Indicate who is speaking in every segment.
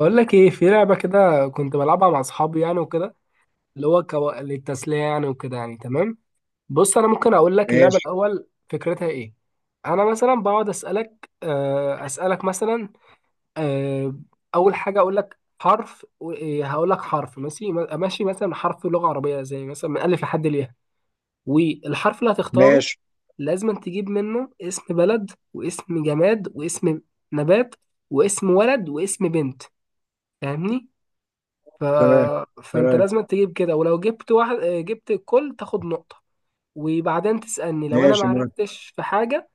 Speaker 1: بقول لك ايه في لعبه كده كنت بلعبها مع اصحابي يعني وكده. اللي هو للتسليه يعني وكده يعني تمام. بص انا ممكن اقول لك اللعبه
Speaker 2: ماشي
Speaker 1: الاول فكرتها ايه؟ انا مثلا بقعد اسالك اسالك مثلا. آه، اول حاجه اقول لك حرف و- إيه، هقول لك حرف ماشي ماشي مثلا، حرف لغه عربيه زي مثلا من الف لحد الياء. والحرف اللي هتختاره
Speaker 2: ماشي.
Speaker 1: لازم تجيب منه اسم بلد واسم جماد واسم نبات واسم ولد واسم بنت، فاهمني؟ ف...
Speaker 2: تمام
Speaker 1: فانت
Speaker 2: تمام.
Speaker 1: لازم تجيب كده، ولو جبت واحد جبت الكل تاخد نقطة. وبعدين تسألني لو انا ما
Speaker 2: ماشي، موافق.
Speaker 1: عرفتش في حاجة.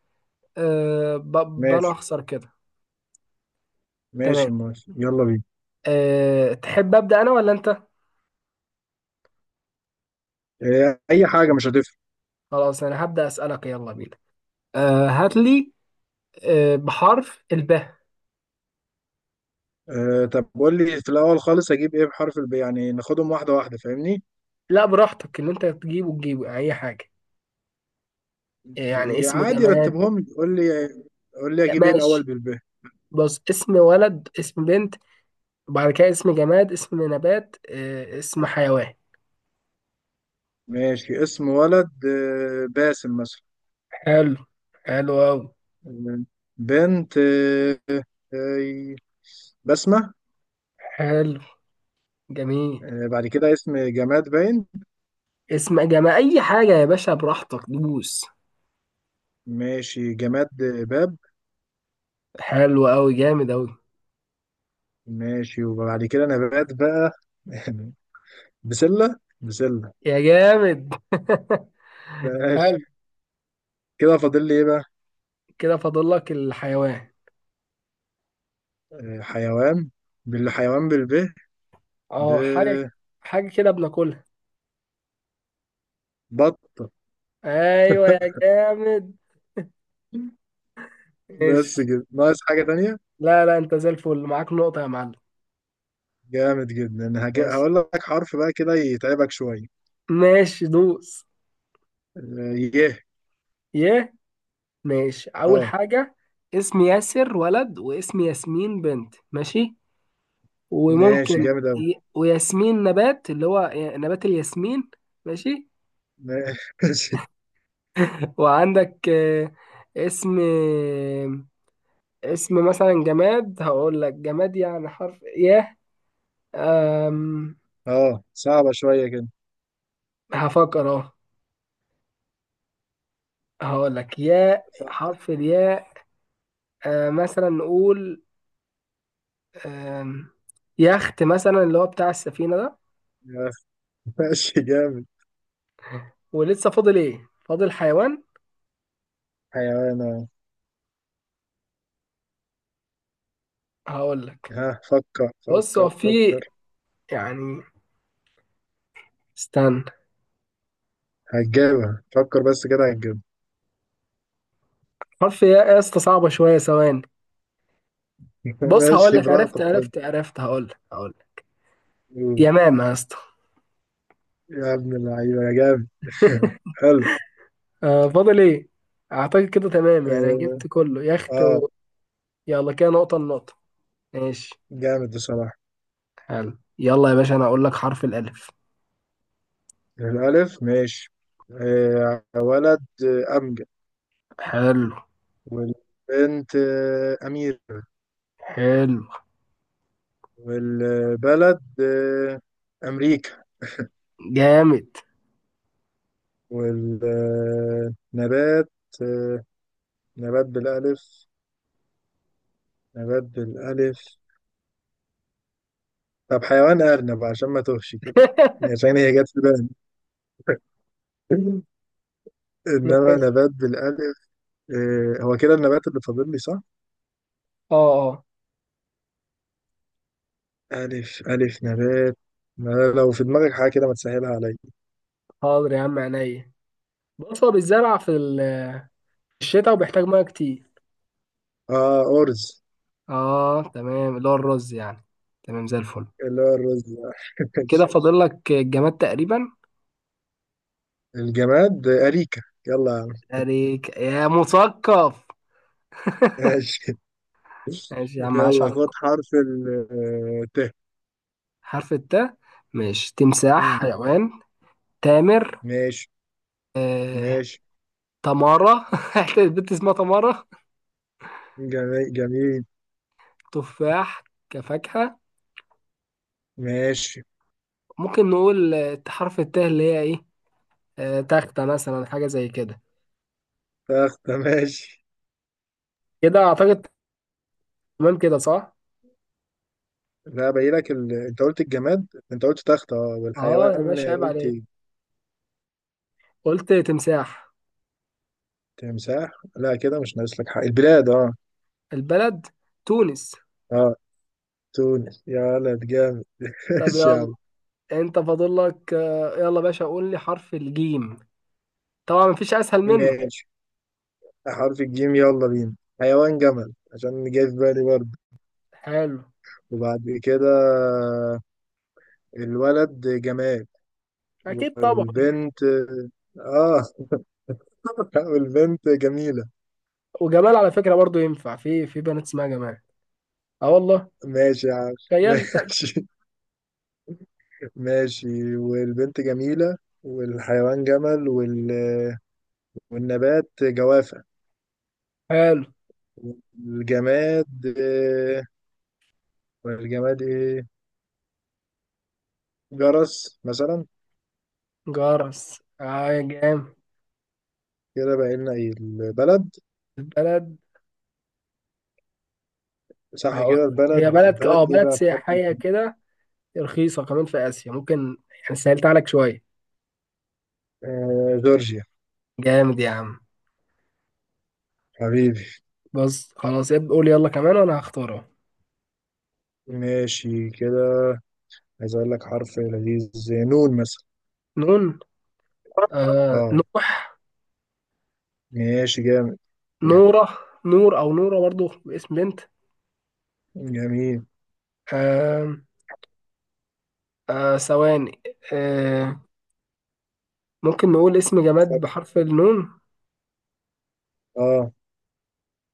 Speaker 1: آه، ب... انا
Speaker 2: ماشي،
Speaker 1: اخسر كده. تمام.
Speaker 2: ماشي، موافق، يلا بينا.
Speaker 1: تحب ابدأ انا ولا انت؟
Speaker 2: اي حاجه مش هتفرق.
Speaker 1: خلاص انا هبدأ اسألك، يلا بينا. هات لي بحرف الباء.
Speaker 2: طب قول لي في الاول خالص اجيب ايه بحرف الب، يعني ناخدهم واحده واحده، فاهمني؟
Speaker 1: لا براحتك، اللي انت تجيبه تجيبه اي حاجة، يعني
Speaker 2: يا
Speaker 1: اسم
Speaker 2: عادي،
Speaker 1: جماد.
Speaker 2: رتبهم لي، قول لي. قول لي
Speaker 1: لا،
Speaker 2: اجيب ايه الاول
Speaker 1: ماشي.
Speaker 2: بالب.
Speaker 1: بص، اسم ولد، اسم بنت، وبعد كده اسم جماد، اسم نبات، اسم حيوان.
Speaker 2: ماشي، اسم ولد باسم مثلا.
Speaker 1: حلو، حلو أوي.
Speaker 2: آه، بنت آه، بسمه.
Speaker 1: حلو، جميل.
Speaker 2: بعد كده اسم جماد باين.
Speaker 1: اسم جمع اي حاجه يا باشا، براحتك دوس.
Speaker 2: ماشي، جماد باب.
Speaker 1: حلو قوي، جامد قوي.
Speaker 2: ماشي، وبعد كده نبات بقى. بسلة بسلة.
Speaker 1: يا جامد.
Speaker 2: ماشي،
Speaker 1: حلو.
Speaker 2: كده فاضل لي ايه بقى؟
Speaker 1: كده فاضل لك الحيوان.
Speaker 2: حيوان، بالحيوان بالب،
Speaker 1: اه، حاجه، حاجه كده بناكلها.
Speaker 2: ببط.
Speaker 1: ايوه يا جامد. ماشي.
Speaker 2: بس كده ناقص حاجة تانية.
Speaker 1: لا لا، انت زي الفل، معاك نقطه يا معلم.
Speaker 2: جامد جدا.
Speaker 1: ماشي،
Speaker 2: هقول لك حرف بقى كده يتعبك شوية.
Speaker 1: ماشي دوس.
Speaker 2: يه.
Speaker 1: يه، ماشي، اول
Speaker 2: اه،
Speaker 1: حاجه اسم ياسر ولد، واسم ياسمين بنت، ماشي.
Speaker 2: ماشي،
Speaker 1: وممكن
Speaker 2: جامد أوي.
Speaker 1: وياسمين نبات، اللي هو نبات الياسمين. ماشي.
Speaker 2: ماشي،
Speaker 1: وعندك اسم اسم مثلا جماد، هقول لك جماد يعني حرف ياء. أم...
Speaker 2: اه صعبة شوية كده.
Speaker 1: هفكر اهو. هقول لك ياء،
Speaker 2: ف-
Speaker 1: حرف الياء. مثلا نقول آم، يخت مثلا، اللي هو بتاع السفينة ده.
Speaker 2: ماشي، جامد.
Speaker 1: ولسه فاضل ايه؟ فاضل حيوان.
Speaker 2: حيوان، اه.
Speaker 1: هقول لك،
Speaker 2: ها، فكر
Speaker 1: بص هو
Speaker 2: فكر
Speaker 1: في،
Speaker 2: فكر.
Speaker 1: يعني استنى.
Speaker 2: هتجيبها، فكر بس كده هتجيبها.
Speaker 1: حرف ياء يا اسطى، صعبة شوية، ثواني. بص هقول
Speaker 2: ماشي،
Speaker 1: لك،
Speaker 2: براحتك،
Speaker 1: عرفت
Speaker 2: اتفضل.
Speaker 1: عرفت عرفت، هقول لك هقول لك. يا ماما يا اسطى.
Speaker 2: يا ابن اللعيبة يا جامد. حلو.
Speaker 1: فاضل ايه؟ اعتقد كده تمام، يعني أنا
Speaker 2: اه.
Speaker 1: جبت كله يخت
Speaker 2: آه،
Speaker 1: يلا كده نقطة، النقطة ماشي.
Speaker 2: جامد بصراحة.
Speaker 1: حلو، يلا يا باشا انا اقول لك حرف الالف.
Speaker 2: الألف، ماشي. آه، ولد أمجد.
Speaker 1: حلو،
Speaker 2: والبنت أميرة.
Speaker 1: حلو،
Speaker 2: والبلد أمريكا.
Speaker 1: جامد.
Speaker 2: والنبات آه، نبات بالألف، نبات بالألف. طب حيوان أرنب، عشان ما توهش كده، عشان هي جت في بالي. إنما
Speaker 1: ماشي.
Speaker 2: نبات بالألف. هو كده النبات اللي فاضل لي، صح؟
Speaker 1: اه اه،
Speaker 2: ألف ألف نبات. ما لو في دماغك حاجة كده ما تسهلها عليا.
Speaker 1: حاضر يا عم عينيا. بص هو بيتزرع في الشتاء وبيحتاج ميه كتير.
Speaker 2: آه، أرز.
Speaker 1: اه تمام، اللي هو الرز يعني. تمام، زي الفل.
Speaker 2: اللي هو الرز ده.
Speaker 1: كده فاضل لك الجماد تقريبا.
Speaker 2: الجماد أريكة، يلا يا عم.
Speaker 1: عليك يا مثقف.
Speaker 2: ماشي.
Speaker 1: ماشي يا عم، عاش
Speaker 2: يلا
Speaker 1: عليك.
Speaker 2: خد حرف ال ت.
Speaker 1: حرف التاء، ماشي، تمساح
Speaker 2: مم.
Speaker 1: حيوان، تامر،
Speaker 2: ماشي.
Speaker 1: آه...
Speaker 2: ماشي،
Speaker 1: تمارة. البنت اسمها تمارة.
Speaker 2: جميل جميل.
Speaker 1: تفاح كفاكهة.
Speaker 2: ماشي،
Speaker 1: ممكن نقول حرف التاء اللي هي ايه، تختة مثلا، حاجة زي كده.
Speaker 2: تختة. ماشي.
Speaker 1: كده اعتقد تمام، كده صح.
Speaker 2: لا، باين لك انت قلت الجماد، انت قلت تختة، اه.
Speaker 1: اه يا
Speaker 2: والحيوان
Speaker 1: باشا، عيب
Speaker 2: قلت
Speaker 1: عليك، قلت تمساح.
Speaker 2: تمساح. لا كده مش ناقص لك حاجة. البلاد، اه.
Speaker 1: البلد تونس.
Speaker 2: اه، تونس يا ولد، جامد.
Speaker 1: طب
Speaker 2: ماشي يا
Speaker 1: يلا،
Speaker 2: عم.
Speaker 1: انت فاضل لك يلا باشا، قول لي حرف الجيم، طبعا مفيش اسهل منه.
Speaker 2: ماشي، حرف الجيم، يلا بينا. حيوان جمل، عشان جاي في بالي برضه.
Speaker 1: حلو،
Speaker 2: وبعد كده الولد جمال.
Speaker 1: اكيد طبعا.
Speaker 2: والبنت، اه. والبنت جميلة.
Speaker 1: وجمال على فكرة برضو ينفع، في بنات اسمها جمال. اه والله،
Speaker 2: ماشي يا عم.
Speaker 1: تخيل.
Speaker 2: ماشي. ماشي، والبنت جميلة. والحيوان جمل والنبات جوافة.
Speaker 1: حلو،
Speaker 2: والجماد والجماد ايه؟ جرس مثلا.
Speaker 1: جرس، اه يا جام.
Speaker 2: كده بقى لنا ايه؟ البلد.
Speaker 1: البلد،
Speaker 2: صح
Speaker 1: هقول
Speaker 2: كده،
Speaker 1: لك هي
Speaker 2: البلد.
Speaker 1: بلد
Speaker 2: البلد
Speaker 1: اه
Speaker 2: ايه
Speaker 1: بلد
Speaker 2: بقى بحد؟
Speaker 1: سياحية كده، رخيصة كمان في آسيا ممكن، يعني سهلت عليك شوية.
Speaker 2: آه، جورجيا.
Speaker 1: جامد يا عم.
Speaker 2: حبيبي.
Speaker 1: بص خلاص قول يلا كمان وانا هختارها.
Speaker 2: ماشي كده. عايز اقول لك حرف لذيذ زي نون مثلا.
Speaker 1: نون، آه
Speaker 2: اه،
Speaker 1: نوح،
Speaker 2: ماشي جامد.
Speaker 1: نورة، نور او نورة برضو باسم بنت.
Speaker 2: جميل،
Speaker 1: آه ثواني، آه ممكن نقول اسم جماد
Speaker 2: فكر.
Speaker 1: بحرف النون،
Speaker 2: اه،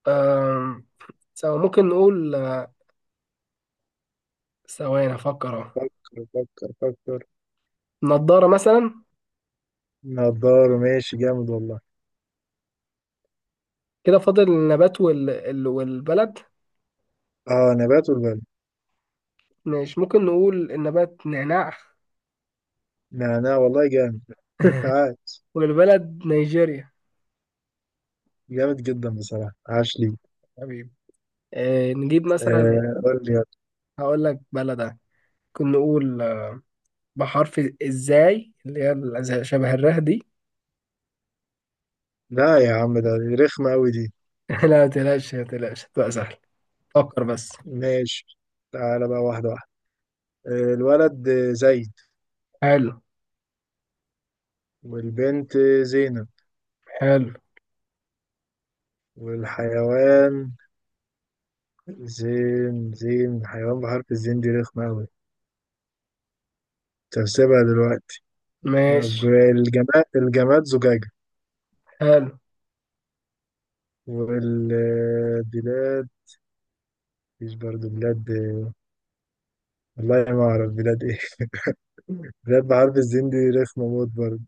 Speaker 1: آه سواء ممكن نقول، ثواني افكر اهو،
Speaker 2: فكر فكر فكر.
Speaker 1: نضارة مثلا.
Speaker 2: نضاره، ماشي، جامد والله.
Speaker 1: كده فاضل النبات والبلد.
Speaker 2: اه، نبات والبلد.
Speaker 1: مش ممكن نقول النبات نعناع،
Speaker 2: نعناع، والله جامد. عاش.
Speaker 1: والبلد نيجيريا.
Speaker 2: جامد جدا بصراحة، عاش لي.
Speaker 1: حبيبي. نجيب مثلا،
Speaker 2: آه، قول لي يلا.
Speaker 1: هقول لك بلدة، ممكن نقول بحرف ازاي اللي هي شبه الره دي.
Speaker 2: لا يا عم ده، رخمة أوي دي.
Speaker 1: لا، متقلقش متقلقش هتبقى سهل، فكر بس.
Speaker 2: ماشي، تعالى بقى واحدة واحدة. آه، الولد زيد.
Speaker 1: حلو،
Speaker 2: والبنت زينب.
Speaker 1: حلو،
Speaker 2: والحيوان زين، زين حيوان بحرف الزين دي رخمة أوي. تحسبها دلوقتي.
Speaker 1: ماشي،
Speaker 2: طب الجماد، الجماد زجاجة.
Speaker 1: حلو،
Speaker 2: والبلاد، مفيش برضه بلاد. والله ما أعرف بلاد إيه. بلاد بحرف الزين دي رخمة موت برضه.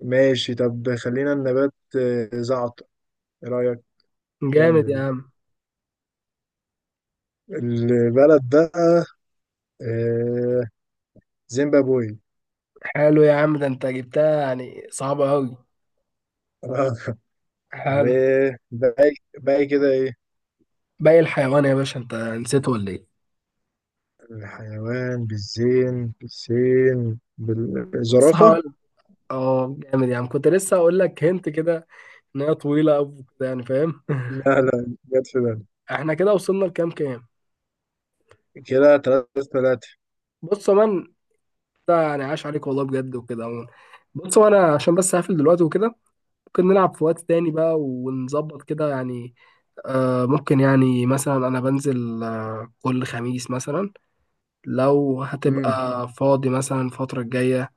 Speaker 2: ماشي، طب خلينا النبات زعتر، إيه رأيك؟
Speaker 1: جامد
Speaker 2: جامدة
Speaker 1: يا
Speaker 2: دي.
Speaker 1: عم.
Speaker 2: البلد بقى آه، زيمبابوي.
Speaker 1: حلو يا عم، ده انت جبتها يعني صعبة أوي.
Speaker 2: آه.
Speaker 1: حلو.
Speaker 2: وباقي باقي كده إيه؟
Speaker 1: باقي الحيوان يا باشا، انت نسيته ولا ايه؟
Speaker 2: الحيوان بالزين، بالسين،
Speaker 1: بص
Speaker 2: بالزرافة.
Speaker 1: هقول، اه جامد، يعني كنت لسه هقول لك هنت كده، ان هي طويله او كده يعني، فاهم؟
Speaker 2: لا لا، جت في بالي.
Speaker 1: احنا كده وصلنا لكام؟ كام؟
Speaker 2: كده تلاتة تلاتة.
Speaker 1: بص يا مان، ده يعني عاش عليك والله بجد وكده عموما. بص، وانا عشان بس هقفل دلوقتي وكده، ممكن نلعب في وقت تاني بقى ونظبط كده يعني. آه ممكن، يعني مثلا انا بنزل كل خميس مثلا، لو هتبقى
Speaker 2: امم
Speaker 1: فاضي مثلا الفتره الجايه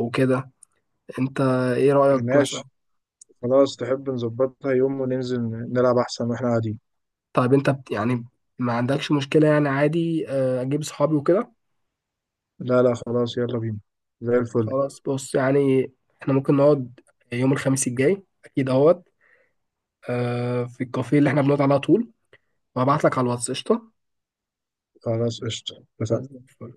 Speaker 1: او كده، انت ايه رايك مثلا؟
Speaker 2: ماشي، خلاص، تحب نظبطها يوم وننزل نلعب، أحسن واحنا قاعدين.
Speaker 1: طيب، انت يعني ما عندكش مشكله يعني، عادي اجيب صحابي وكده.
Speaker 2: لا لا، خلاص، يلا بينا، زي الفل.
Speaker 1: خلاص، بص يعني احنا ممكن نقعد يوم الخميس الجاي اكيد اهوت في الكافيه اللي احنا بنقعد على طول، وهبعت لك على الواتس قشطه.
Speaker 2: خلاص، قشطة، اتفقنا.
Speaker 1: زي الفل.